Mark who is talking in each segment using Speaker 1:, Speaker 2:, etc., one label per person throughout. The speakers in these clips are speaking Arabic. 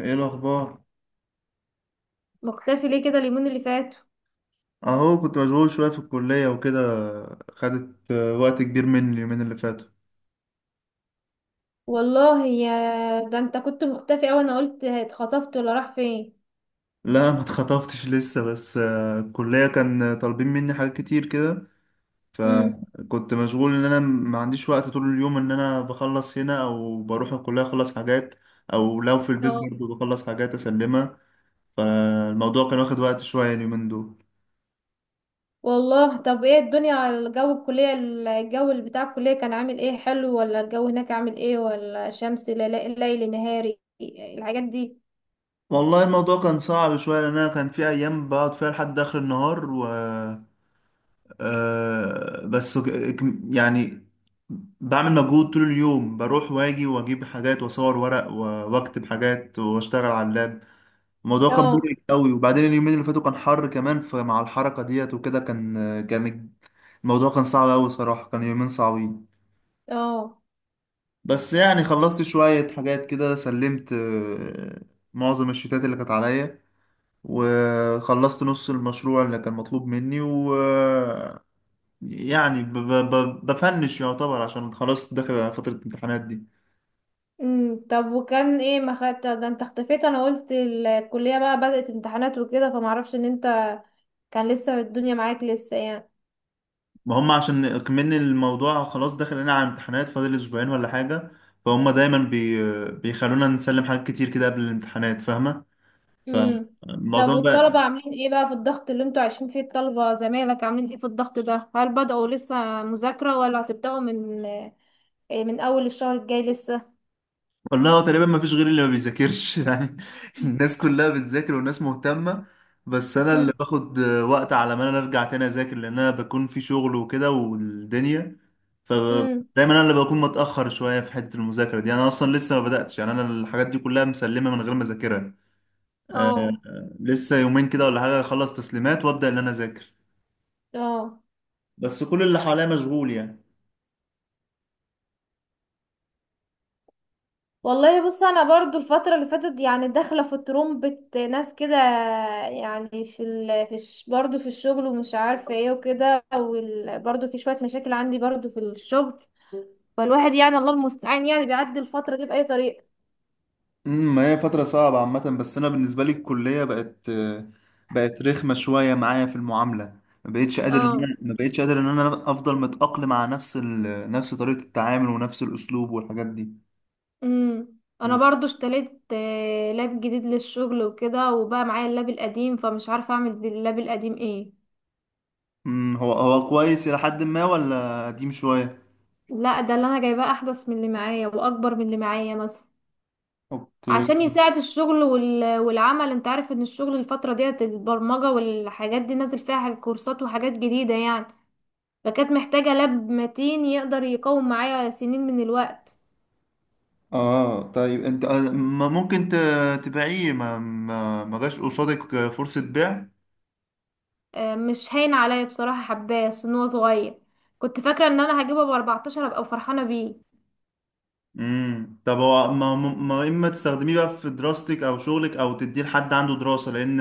Speaker 1: ايه الاخبار؟
Speaker 2: مختفي ليه كده اليومين اللي فاتوا؟
Speaker 1: اهو كنت مشغول شويه في الكليه وكده. خدت وقت كبير مني اليومين اللي فاتوا.
Speaker 2: والله يا ده، انت كنت مختفي اوي، انا قلت اتخطفت ولا راح فين.
Speaker 1: لا، ما اتخطفتش لسه، بس الكليه كان طالبين مني حاجات كتير كده.
Speaker 2: امم.
Speaker 1: فكنت مشغول ان انا ما عنديش وقت طول اليوم، ان انا بخلص هنا او بروح الكليه اخلص حاجات، او لو في البيت
Speaker 2: اه.
Speaker 1: برضو بخلص حاجات اسلمها. فالموضوع كان واخد وقت شويه اليومين دول.
Speaker 2: والله، طب ايه الدنيا على الجو الكلية؟ الجو اللي بتاع الكلية كان عامل ايه، حلو ولا الجو هناك عامل ايه، ولا شمس ليل نهاري الحاجات دي؟
Speaker 1: والله الموضوع كان صعب شويه، لان انا كان في ايام بقعد فيها لحد اخر النهار و آه، بس ك- يعني بعمل مجهود طول اليوم، بروح واجي واجيب حاجات واصور ورق واكتب حاجات واشتغل على اللاب. الموضوع كان
Speaker 2: اه.
Speaker 1: مرهق قوي، وبعدين اليومين اللي فاتوا كان حر كمان، فمع الحركة ديت وكده كان الموضوع كان صعب قوي صراحة، كان يومين صعبين.
Speaker 2: اه.
Speaker 1: بس يعني خلصت شوية حاجات كده، سلمت معظم الشتات اللي كانت عليا، وخلصت نص المشروع اللي كان مطلوب مني يعني ب ب ب بفنش يعتبر، عشان خلاص داخل على فترة الامتحانات دي.
Speaker 2: طب وكان ايه، ما خدت ده انت اختفيت، انا قلت الكلية بقى بدأت امتحانات وكده فمعرفش ان انت كان لسه الدنيا معاك لسه يعني.
Speaker 1: ما هم عشان كمان الموضوع خلاص داخل لنا على امتحانات، فاضل اسبوعين ولا حاجة. فهم دايما بيخلونا نسلم حاجات كتير كده قبل الامتحانات، فاهمة؟
Speaker 2: امم طب
Speaker 1: فمعظمها
Speaker 2: والطلبة
Speaker 1: بقى.
Speaker 2: عاملين ايه بقى في الضغط اللي انتوا عايشين فيه؟ الطلبة زمايلك عاملين ايه في الضغط ده؟ هل بدأوا لسه مذاكرة ولا هتبدأوا من اول الشهر الجاي لسه؟
Speaker 1: والله هو تقريبا ما فيش غيري اللي ما بيذاكرش يعني. الناس كلها بتذاكر، والناس مهتمة، بس انا اللي
Speaker 2: امم.
Speaker 1: باخد وقت على ما انا ارجع تاني اذاكر، لان انا بكون في شغل وكده والدنيا.
Speaker 2: امم.
Speaker 1: فدايما انا اللي بكون متأخر شوية في حتة المذاكرة دي، انا اصلا لسه ما بدأتش يعني، انا الحاجات دي كلها مسلمة من غير ما اذاكرها. آه،
Speaker 2: اه.
Speaker 1: لسه يومين كده ولا حاجة اخلص تسليمات وابدأ ان انا اذاكر،
Speaker 2: اه.
Speaker 1: بس كل اللي حواليا مشغول يعني.
Speaker 2: والله بص، انا برضو الفترة اللي فاتت يعني داخلة في ترومبة ناس كده، يعني في ال... في الش... برضو في الشغل، ومش عارفة ايه وكده، برضو في شوية مشاكل عندي برضو في الشغل. فالواحد يعني الله المستعان يعني بيعدي الفترة دي بأي طريقة.
Speaker 1: ما هي فترة صعبة عامة، بس أنا بالنسبة لي الكلية بقت رخمة شوية معايا في المعاملة. ما بقتش قادر إن
Speaker 2: اه.
Speaker 1: أنا ما بقتش قادر إن أنا أفضل متأقلم على نفس طريقة التعامل ونفس الأسلوب والحاجات دي.
Speaker 2: امم. انا برضو اشتريت لاب جديد للشغل وكده، وبقى معايا اللاب القديم فمش عارفه اعمل باللاب القديم ايه.
Speaker 1: هو كويس إلى حد ما ولا قديم شوية؟
Speaker 2: لا، ده اللي انا جايباه احدث من اللي معايا واكبر من اللي معايا مثلا.
Speaker 1: أوكي.
Speaker 2: عشان يساعد الشغل والعمل. انت عارف ان الشغل الفتره ديت البرمجه والحاجات دي نازل فيها حاجة كورسات وحاجات جديده يعني. فكانت محتاجه لاب متين يقدر يقوم معايا سنين من الوقت.
Speaker 1: آه طيب أنت، ما ممكن تبيعيه؟ ما جاش قصادك فرصة بيع؟
Speaker 2: مش هين عليا بصراحه، حباه أصل ان هو صغير. كنت فاكره ان انا هجيبه ب 14 ابقى فرحانه بيه.
Speaker 1: طب هو ما, ما ما اما تستخدميه بقى في دراستك او شغلك، او تديه لحد عنده دراسة، لان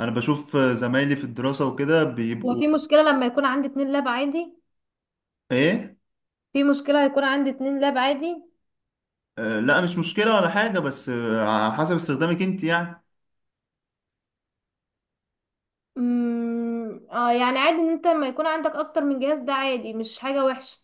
Speaker 1: انا بشوف زمايلي في الدراسة وكده بيبقوا...
Speaker 2: وفي مشكلة لما يكون عندي اتنين لاب عادي؟
Speaker 1: ايه؟
Speaker 2: في مشكلة هيكون عندي اتنين لاب عادي؟
Speaker 1: آه لا، مش مشكلة ولا حاجة، بس على حسب استخدامك انت يعني.
Speaker 2: امم. اه يعني عادي، ان انت لما يكون عندك اكتر من جهاز ده عادي مش حاجة وحشة.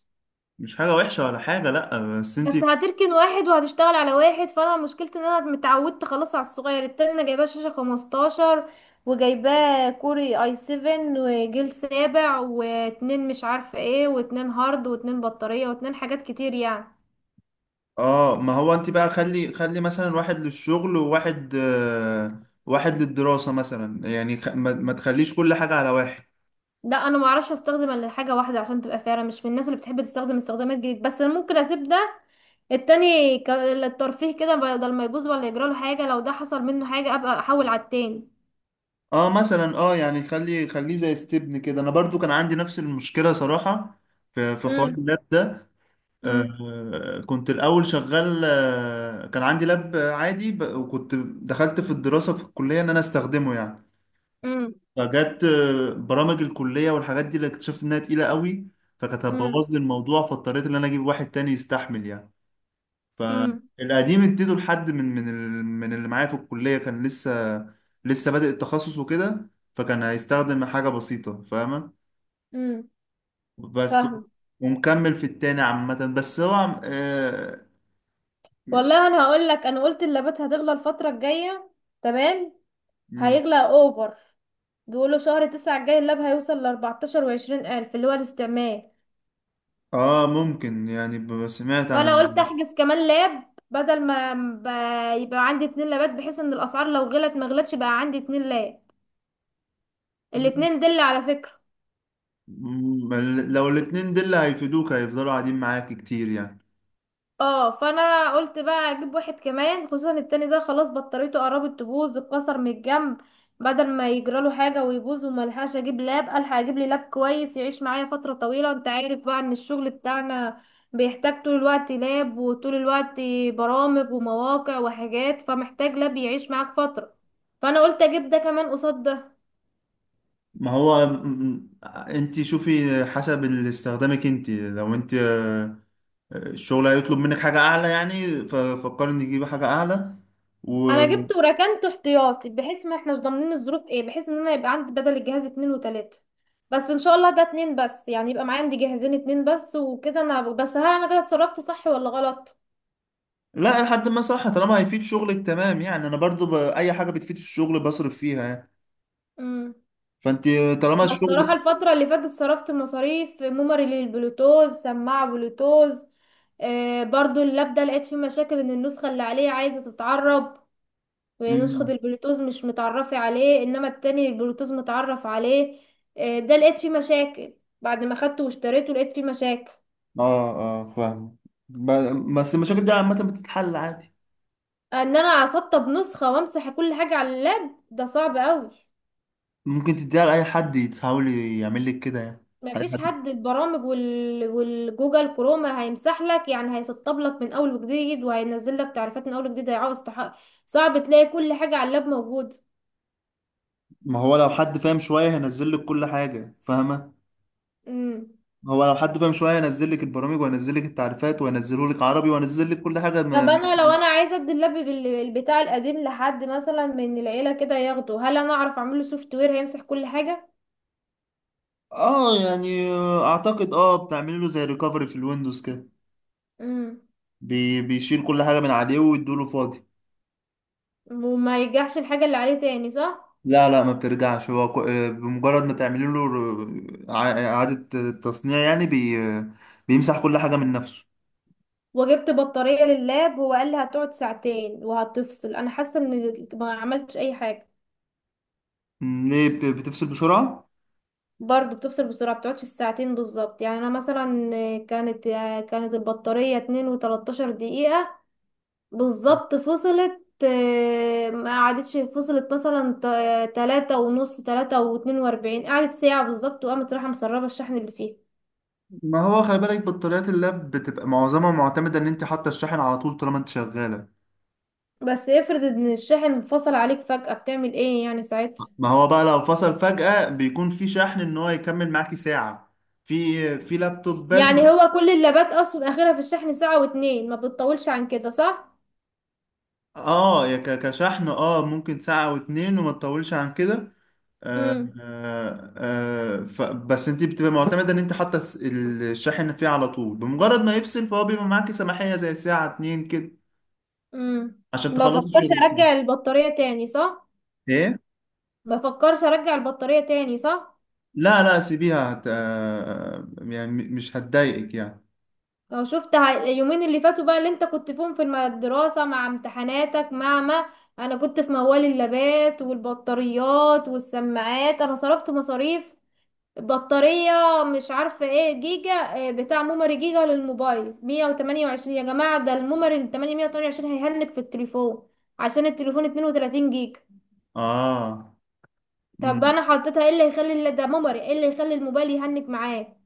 Speaker 1: مش حاجة وحشة ولا حاجة، لا بس انت...
Speaker 2: بس هتركن واحد وهتشتغل على واحد، فانا مشكلتي ان انا متعودت خلاص على الصغير. التاني انا جايباه شاشة 15 وجايباه كوري اي 7 وجيل سابع واتنين مش عارفة ايه واتنين هارد واتنين بطارية واتنين حاجات كتير يعني.
Speaker 1: اه ما هو انت بقى خلي خلي مثلا واحد للشغل، وواحد واحد للدراسة مثلا يعني، خ- ما, ما تخليش كل حاجة على واحد.
Speaker 2: لا انا ما اعرفش استخدم الا حاجه واحده عشان تبقى فعلا مش من الناس اللي بتحب تستخدم استخدامات جديده. بس انا ممكن اسيب ده التاني للترفيه كده، بدل ما يبوظ ولا يجرى له حاجه. لو ده حصل منه حاجه ابقى احول على التاني.
Speaker 1: اه مثلا، اه يعني خليه زي ستبن كده، انا برضو كان عندي نفس المشكله صراحه، في حوار
Speaker 2: امم.
Speaker 1: اللاب ده.
Speaker 2: امم.
Speaker 1: كنت الاول شغال، كان عندي لاب عادي وكنت دخلت في الدراسه في الكليه ان انا استخدمه يعني.
Speaker 2: امم.
Speaker 1: فجت برامج الكليه والحاجات دي، اللي اكتشفت انها تقيله قوي، فكانت
Speaker 2: امم.
Speaker 1: هتبوظ لي الموضوع، فاضطريت ان انا اجيب واحد تاني يستحمل يعني.
Speaker 2: امم.
Speaker 1: فالقديم اديته لحد من من من اللي معايا في الكلية، كان لسه بادئ التخصص وكده، فكان هيستخدم حاجة بسيطة فاهمة.
Speaker 2: امم.
Speaker 1: بس،
Speaker 2: فاهمه.
Speaker 1: ومكمل في التاني عامة، بس هو
Speaker 2: والله انا هقول لك، انا قلت اللابات هتغلى الفتره الجايه. تمام.
Speaker 1: م-
Speaker 2: هيغلى اوفر. بيقولوا شهر تسعة الجاي اللاب هيوصل لأربعتاشر وعشرين ألف اللي هو الاستعمال.
Speaker 1: ممكن يعني، سمعت عن...
Speaker 2: وانا قلت احجز كمان لاب، بدل ما يبقى عندي اتنين لابات، بحيث ان الاسعار لو غلت ما غلتش بقى عندي اتنين لاب.
Speaker 1: م-
Speaker 2: الاتنين دل على فكرة.
Speaker 1: م- لو الاتنين دول هيفيدوك هيفضلوا قاعدين معاك كتير يعني.
Speaker 2: اه فانا قلت بقى اجيب واحد كمان، خصوصا التاني ده خلاص بطاريته قربت تبوظ، اتكسر من الجنب. بدل ما يجراله حاجه ويبوظ وملحقش اجيب لاب، الحق اجيب لي لاب كويس يعيش معايا فتره طويله. انت عارف بقى ان الشغل بتاعنا بيحتاج طول الوقت لاب، وطول الوقت برامج ومواقع وحاجات، فمحتاج لاب يعيش معاك فتره. فانا قلت اجيب ده كمان قصاد ده.
Speaker 1: ما هو انت شوفي، حسب اللي استخدامك انت، لو انت الشغل هيطلب منك حاجة أعلى يعني، ففكر إني أجيب حاجة أعلى و...
Speaker 2: انا جبت وركنته احتياطي، بحيث ما احناش ضامنين الظروف ايه، بحيث ان انا يبقى عندي بدل الجهاز اتنين وتلاتة. بس ان شاء الله ده اتنين بس يعني، يبقى معايا عندي جهازين اتنين بس وكده. انا بس هل انا كده صرفت صح ولا غلط؟
Speaker 1: لا لحد ما صح، طالما هيفيد شغلك تمام يعني، أنا برضو أي حاجة بتفيد الشغل بصرف فيها يعني.
Speaker 2: امم.
Speaker 1: فأنت، طالما
Speaker 2: انا الصراحة
Speaker 1: الشغل...
Speaker 2: الفترة اللي فاتت صرفت مصاريف ميموري للبلوتوز، سماعة بلوتوز. آه برضو اللاب ده لقيت فيه مشاكل، ان النسخة اللي عليه عايزة تتعرب. نسخة
Speaker 1: مم.
Speaker 2: البلوتوز مش متعرفة عليه، انما التاني البلوتوز متعرف عليه. ده لقيت فيه مشاكل. بعد ما خدته واشتريته لقيت فيه مشاكل.
Speaker 1: آه آه، فاهم. ب... بس المشاكل دي عامة بتتحل عادي.
Speaker 2: ان انا اسطب نسخة وامسح كل حاجة على اللاب ده صعب قوي.
Speaker 1: ممكن تديها لأي حد يتحاول يعمل لك كده يعني. أي
Speaker 2: مفيش
Speaker 1: حد،
Speaker 2: حد. البرامج والجوجل كروما هيمسح لك يعني، هيسطب لك من اول وجديد، وهينزل لك تعريفات من اول وجديد، هيعوز صعب تلاقي كل حاجة على اللاب موجودة.
Speaker 1: ما هو لو حد فاهم شوية هينزل لك كل حاجة فاهمة.
Speaker 2: امم.
Speaker 1: هو لو حد فاهم شوية هينزل لك البرامج وهينزل لك التعريفات وهينزله لك عربي وهينزل لك كل حاجة
Speaker 2: طب
Speaker 1: ما...
Speaker 2: انا لو انا عايزه ادي اللاب بتاع القديم لحد مثلا من العيله كده ياخده، هل انا اعرف اعمل له سوفت وير هيمسح كل حاجه؟
Speaker 1: اه يعني، اعتقد بتعمل له زي ريكفري في الويندوز كده.
Speaker 2: امم.
Speaker 1: بيشيل كل حاجه من عليه ويدوله فاضي.
Speaker 2: وما يرجعش الحاجه اللي عليه تاني صح؟
Speaker 1: لا لا، ما بترجعش، هو بمجرد ما تعملي له اعاده تصنيع يعني، بي آه، بيمسح كل حاجه من نفسه.
Speaker 2: وجبت بطاريه لللاب، هو قال لي هتقعد ساعتين وهتفصل، انا حاسه ان ما عملتش اي حاجه.
Speaker 1: ليه بتفصل بسرعه؟
Speaker 2: برضه بتفصل بسرعه، بتقعدش الساعتين بالظبط يعني. انا مثلا كانت كانت البطاريه 2 و13 دقيقه بالظبط، فصلت. ما قعدتش، فصلت مثلا تلاتة ونص، تلاتة واتنين واربعين، قعدت ساعة بالظبط، وقامت رايحة مسربة الشحن اللي فيه.
Speaker 1: ما هو خلي بالك، بطاريات اللاب بتبقى معظمها معتمده ان انت حاطه الشاحن على طول، طالما انت شغاله.
Speaker 2: بس افرض ان الشحن فصل عليك فجأة، بتعمل ايه يعني ساعتها؟
Speaker 1: ما هو بقى لو فصل فجاه بيكون في شحن ان هو يكمل معاكي ساعه، في لابتوبات.
Speaker 2: يعني هو كل اللابات اصلا اخرها في الشحن ساعة واتنين، ما بتطولش عن كده صح؟
Speaker 1: اه يا كشحن، اه ممكن ساعة او اتنين وما تطولش عن كده. آه
Speaker 2: امم.
Speaker 1: آه ف بس انت بتبقى معتمدة ان انت حاطة الشاحن فيه على طول، بمجرد ما يفصل فهو بيبقى معاكي سماحية زي ساعة اتنين كده
Speaker 2: امم.
Speaker 1: عشان
Speaker 2: ما
Speaker 1: تخلصي
Speaker 2: بفكرش
Speaker 1: شغلك
Speaker 2: ارجع
Speaker 1: كده.
Speaker 2: البطارية تاني صح؟
Speaker 1: ايه؟
Speaker 2: ما بفكرش ارجع البطارية تاني صح؟
Speaker 1: لا لا، سيبيها، هت... آه يعني مش هتضايقك يعني.
Speaker 2: لو شفت اليومين اللي فاتوا بقى اللي انت كنت فيهم في الدراسة مع امتحاناتك، مع ما انا كنت في موال اللابات والبطاريات والسماعات، انا صرفت مصاريف بطارية، مش عارفة ايه جيجا، بتاع ميموري جيجا للموبايل 128. يا جماعة، ده الميموري ال 828 هيهنك في التليفون عشان التليفون 32 جيجا.
Speaker 1: اه.
Speaker 2: طب
Speaker 1: مم.
Speaker 2: انا حطيتها، ايه اللي هيخلي ده ميموري، ايه اللي يخلي الموبايل يهنك معاك؟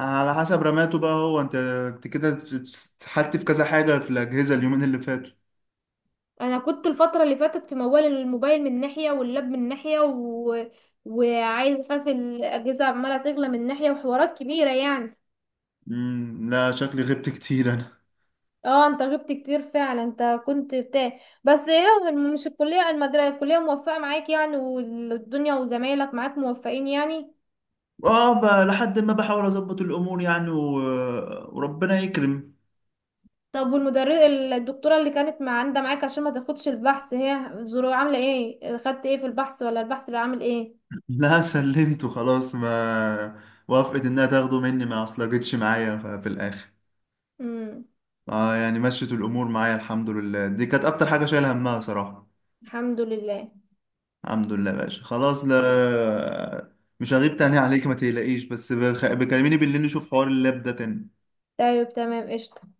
Speaker 1: على حسب رماته بقى، هو انت، انت كده اتسحلت في كذا حاجة في الأجهزة اليومين اللي فاتوا.
Speaker 2: انا كنت الفتره اللي فاتت في موال الموبايل من ناحيه واللاب من ناحيه، و... وعايز اخاف الاجهزه عماله تغلى من ناحيه وحوارات كبيره يعني.
Speaker 1: مم. لا شكلي غبت كتير.
Speaker 2: اه انت غبت كتير فعلا، انت كنت بتاع بس ايه، مش الكليه المدرسه الكليه موفقه معاك يعني، والدنيا وزمايلك معاك موفقين يعني؟
Speaker 1: اه لحد ما بحاول اظبط الامور يعني و... وربنا يكرم.
Speaker 2: طب والمدرس، الدكتوره اللي كانت عندها معاك عشان ما تاخدش البحث، هي ظروف عامله ايه، خدت ايه في البحث ولا البحث اللي عامل ايه؟
Speaker 1: لا سلمته خلاص، ما وافقت انها تاخده مني، ما اصلجتش معايا في الاخر.
Speaker 2: امم.
Speaker 1: اه يعني، مشيت الامور معايا الحمد لله، دي كانت اكتر حاجه شايل همها صراحه.
Speaker 2: الحمد لله.
Speaker 1: الحمد لله يا باشا، خلاص لا، مش هغيب تاني عليك ما تقلقيش، بس بكلميني بالليل نشوف حوار اللاب ده تاني.
Speaker 2: طيب تمام قشطه.